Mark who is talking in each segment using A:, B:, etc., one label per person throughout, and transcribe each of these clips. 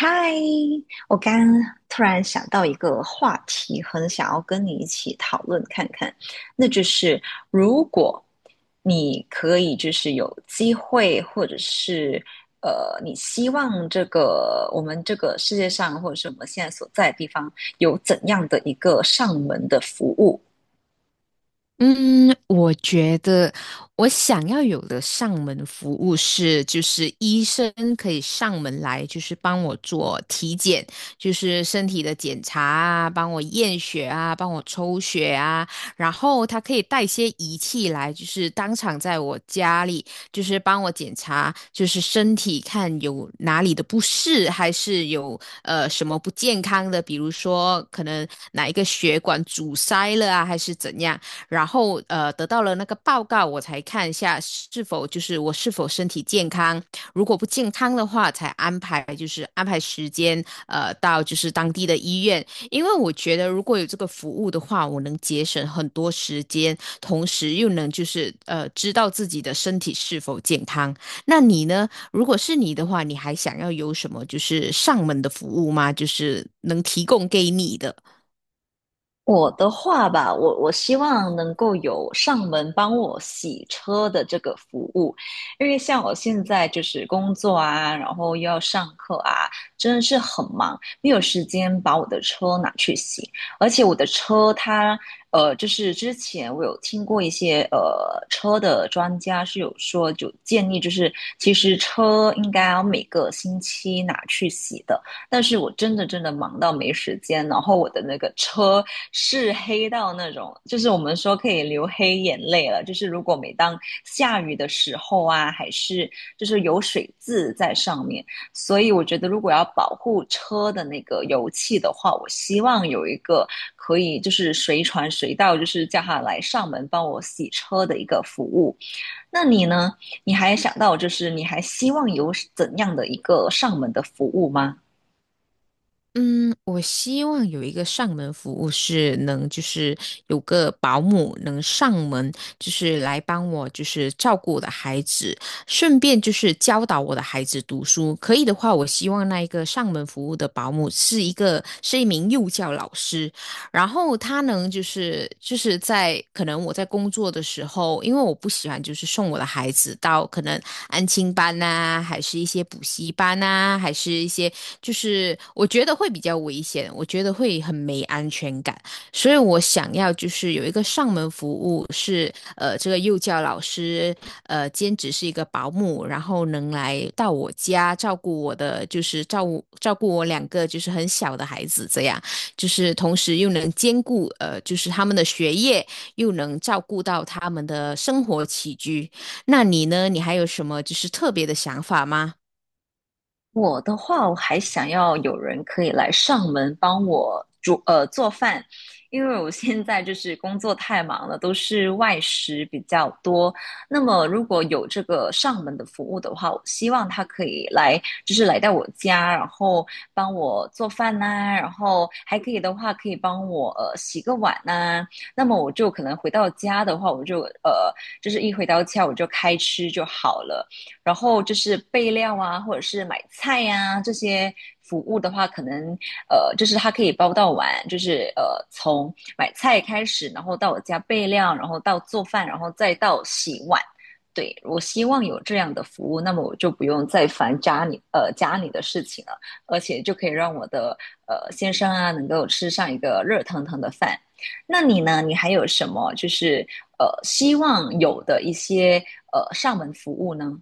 A: 嗨，我刚突然想到一个话题，很想要跟你一起讨论看看，那就是如果你可以就是有机会，或者是你希望这个我们这个世界上，或者是我们现在所在的地方，有怎样的一个上门的服务？
B: 嗯，我觉得我想要有的上门服务是，就是医生可以上门来，就是帮我做体检，就是身体的检查啊，帮我验血啊，帮我抽血啊，然后他可以带些仪器来，就是当场在我家里，就是帮我检查，就是身体看有哪里的不适，还是有什么不健康的，比如说可能哪一个血管阻塞了啊，还是怎样。然后得到了那个报告，我才看一下是否就是我是否身体健康，如果不健康的话，才安排就是安排时间到就是当地的医院，因为我觉得如果有这个服务的话，我能节省很多时间，同时又能就是知道自己的身体是否健康。那你呢？如果是你的话，你还想要有什么就是上门的服务吗？就是能提供给你的？
A: 我的话吧，我希望能够有上门帮我洗车的这个服务，因为像我现在就是工作啊，然后又要上课啊，真的是很忙，没有时间把我的车拿去洗。而且我的车它，就是之前我有听过一些车的专家是有说，就建议就是其实车应该要每个星期拿去洗的。但是我真的真的忙到没时间，然后我的那个车是黑到那种，就是我们说可以流黑眼泪了。就是如果每当下雨的时候啊，还是就是有水渍在上面，所以我觉得如果要保护车的那个油漆的话，我希望有一个可以就是随传随到，就是叫他来上门帮我洗车的一个服务。那你呢？你还想到就是你还希望有怎样的一个上门的服务吗？
B: 嗯，我希望有一个上门服务是能，就是有个保姆能上门，就是来帮我，就是照顾我的孩子，顺便就是教导我的孩子读书。可以的话，我希望那一个上门服务的保姆是一个是一名幼教老师，然后他能就是就是在可能我在工作的时候，因为我不喜欢就是送我的孩子到可能安亲班呐、还是一些补习班呐、还是一些就是我觉得会比较危险，我觉得会很没安全感，所以我想要就是有一个上门服务是这个幼教老师兼职是一个保姆，然后能来到我家照顾我的就是照顾我两个就是很小的孩子这样。就是同时又能兼顾就是他们的学业，又能照顾到他们的生活起居。那你呢？你还有什么就是特别的想法吗？
A: 我的话，我还想要有人可以来上门帮我煮做饭，因为我现在就是工作太忙了，都是外食比较多。那么如果有这个上门的服务的话，我希望他可以来，就是来到我家，然后帮我做饭呐、然后还可以的话，可以帮我洗个碗呐、那么我就可能回到家的话，我就就是一回到家我就开吃就好了。然后就是备料啊，或者是买菜呀、这些服务的话，可能，就是它可以包到完，就是，从买菜开始，然后到我家备料，然后到做饭，然后再到洗碗。对，我希望有这样的服务，那么我就不用再烦家里家里的事情了，而且就可以让我的先生啊能够吃上一个热腾腾的饭。那你呢？你还有什么就是希望有的一些上门服务呢？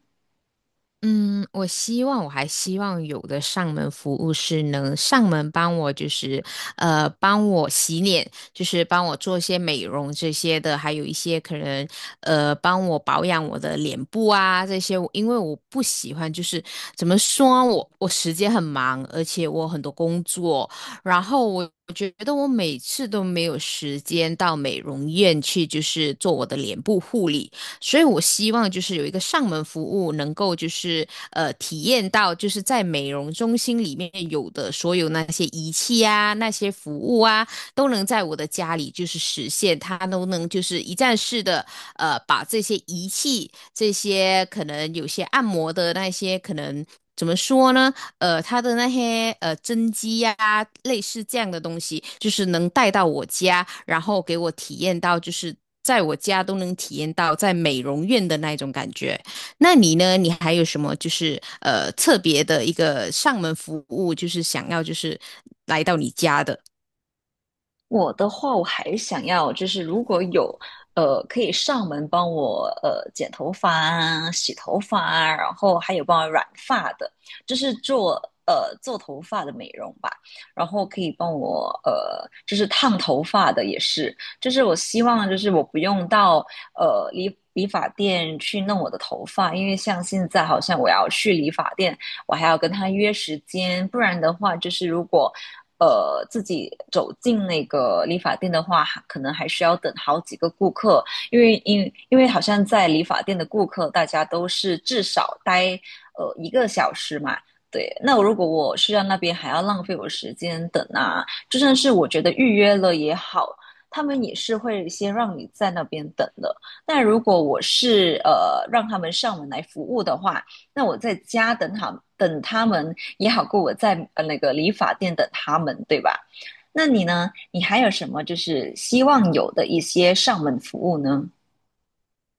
B: 嗯，我希望，我还希望有的上门服务是能上门帮我，帮我洗脸，就是帮我做一些美容这些的，还有一些可能帮我保养我的脸部啊这些，因为我不喜欢，就是怎么说，我时间很忙，而且我很多工作，然后我。我觉得我每次都没有时间到美容院去，就是做我的脸部护理。所以我希望就是有一个上门服务，能够就是体验到就是在美容中心里面有的所有那些仪器啊、那些服务啊，都能在我的家里就是实现，它都能就是一站式的，呃，把这些仪器、这些可能有些按摩的那些可能怎么说呢？呃，它的那些针机呀、类似这样的东西，就是能带到我家，然后给我体验到就是。在我家都能体验到在美容院的那种感觉。那你呢？你还有什么就是特别的一个上门服务，就是想要就是来到你家的？
A: 我的话，我还想要就是如果有可以上门帮我剪头发啊、洗头发啊，然后还有帮我染发的，就是做做头发的美容吧，然后可以帮我就是烫头发的也是，就是我希望就是我不用到理发店去弄我的头发，因为像现在好像我要去理发店，我还要跟他约时间，不然的话就是如果自己走进那个理发店的话，可能还需要等好几个顾客，因为因为好像在理发店的顾客，大家都是至少待一个小时嘛。对，那如果我需要那边还要浪费我时间等啊，就算是我觉得预约了也好，他们也是会先让你在那边等的。但如果我是让他们上门来服务的话，那我在家等他们也好过我在那个理发店等他们，对吧？那你呢？你还有什么就是希望有的一些上门服务呢？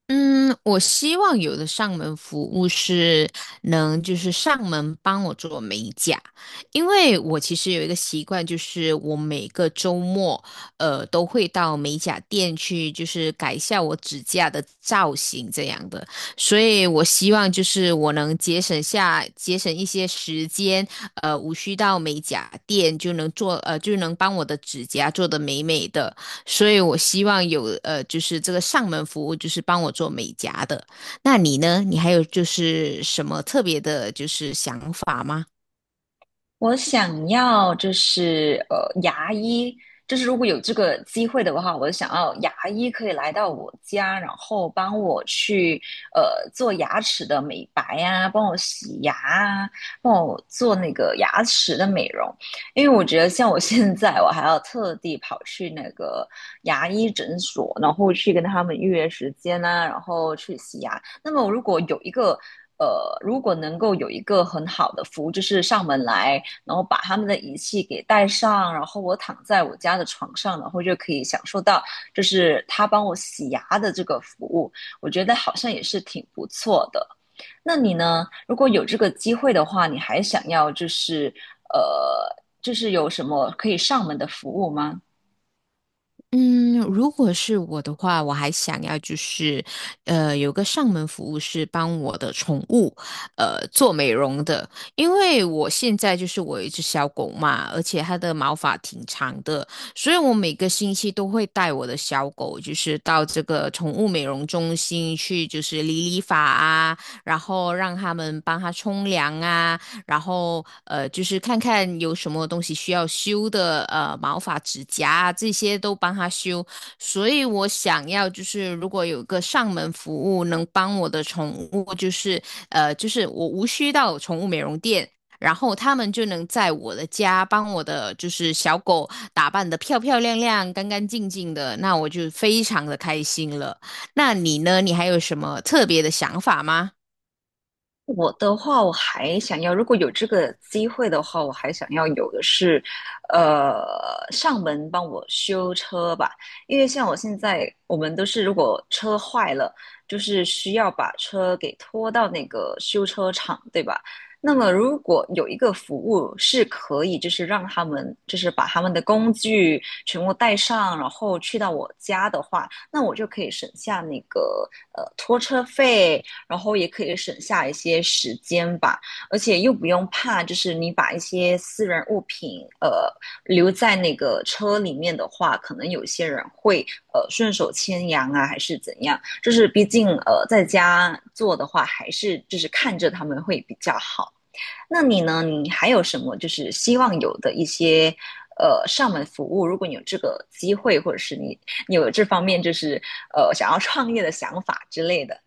B: 嗯，我希望有的上门服务是能就是上门帮我做美甲，因为我其实有一个习惯，就是我每个周末，呃，都会到美甲店去，就是改一下我指甲的造型这样的，所以我希望就是我能节省下节省一些时间，呃，无需到美甲店就能做，呃，就能帮我的指甲做得美美的。所以我希望有就是这个上门服务，就是帮我做美甲的。那你呢？你还有就是什么特别的，就是想法吗？
A: 我想要就是牙医，就是如果有这个机会的话，我想要牙医可以来到我家，然后帮我去做牙齿的美白啊，帮我洗牙啊，帮我做那个牙齿的美容。因为我觉得像我现在，我还要特地跑去那个牙医诊所，然后去跟他们预约时间啊，然后去洗牙。那么如果有一个呃，如果能够有一个很好的服务，就是上门来，然后把他们的仪器给带上，然后我躺在我家的床上，然后就可以享受到就是他帮我洗牙的这个服务，我觉得好像也是挺不错的。那你呢？如果有这个机会的话，你还想要就是呃，就是有什么可以上门的服务吗？
B: 嗯，如果是我的话，我还想要就是，呃，有个上门服务是帮我的宠物，呃，做美容的，因为我现在就是我有一只小狗嘛，而且它的毛发挺长的，所以我每个星期都会带我的小狗，就是到这个宠物美容中心去，就是理理发啊，然后让他们帮它冲凉啊。然后就是看看有什么东西需要修的，呃，毛发、指甲啊这些都帮他修。所以我想要就是如果有个上门服务能帮我的宠物，就是就是我无需到宠物美容店。然后他们就能在我的家帮我的就是小狗打扮得漂漂亮亮、干干净净的，那我就非常的开心了。那你呢？你还有什么特别的想法吗？
A: 我的话，我还想要，如果有这个机会的话，我还想要有的是，呃，上门帮我修车吧。因为像我现在，我们都是如果车坏了，就是需要把车给拖到那个修车厂，对吧？那么如果有一个服务是可以，就是让他们就是把他们的工具全部带上，然后去到我家的话，那我就可以省下那个拖车费。然后也可以省下一些时间吧，而且又不用怕，就是你把一些私人物品留在那个车里面的话，可能有些人会顺手牵羊啊，还是怎样？就是毕竟在家做的话，还是就是看着他们会比较好。那你呢？你还有什么就是希望有的一些？上门服务，如果你有这个机会，或者是你有这方面就是想要创业的想法之类的，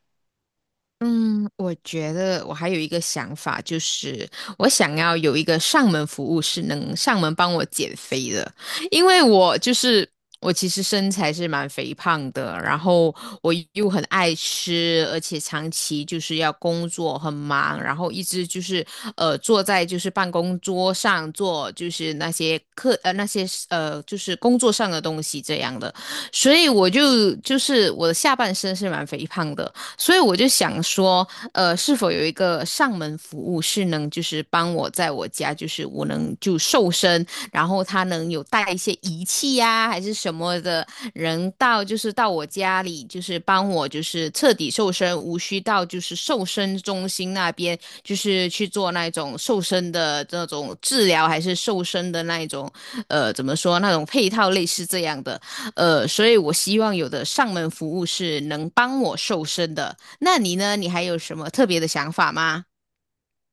B: 嗯，我觉得我还有一个想法，就是我想要有一个上门服务是能上门帮我减肥的，因为我就是我其实身材是蛮肥胖的，然后我又很爱吃，而且长期就是要工作很忙，然后一直就是坐在就是办公桌上做就是那些课那些就是工作上的东西这样的，所以我就就是我的下半身是蛮肥胖的。所以我就想说，呃，是否有一个上门服务是能就是帮我在我家，就是我能就瘦身，然后他能有带一些仪器呀、还是什么的，人到就是到我家里，就是帮我就是彻底瘦身，无需到就是瘦身中心那边，就是去做那种瘦身的那种治疗，还是瘦身的那一种，呃，怎么说那种配套类似这样的。呃，所以我希望有的上门服务是能帮我瘦身的。那你呢？你还有什么特别的想法吗？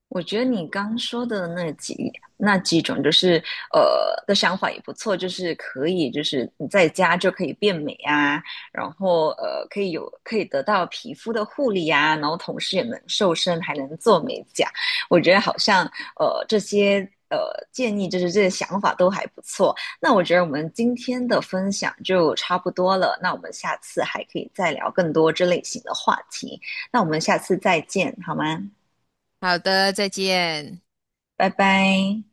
A: 我觉得你刚说的那几种，就是的想法也不错，就是可以，就是你在家就可以变美啊，然后可以有可以得到皮肤的护理啊，然后同时也能瘦身，还能做美甲。我觉得好像这些呃建议，就是这些想法都还不错。那我觉得我们今天的分享就差不多了，那我们下次还可以再聊更多这类型的话题。那我们下次再见，好吗？
B: 好的，再见。
A: 拜拜。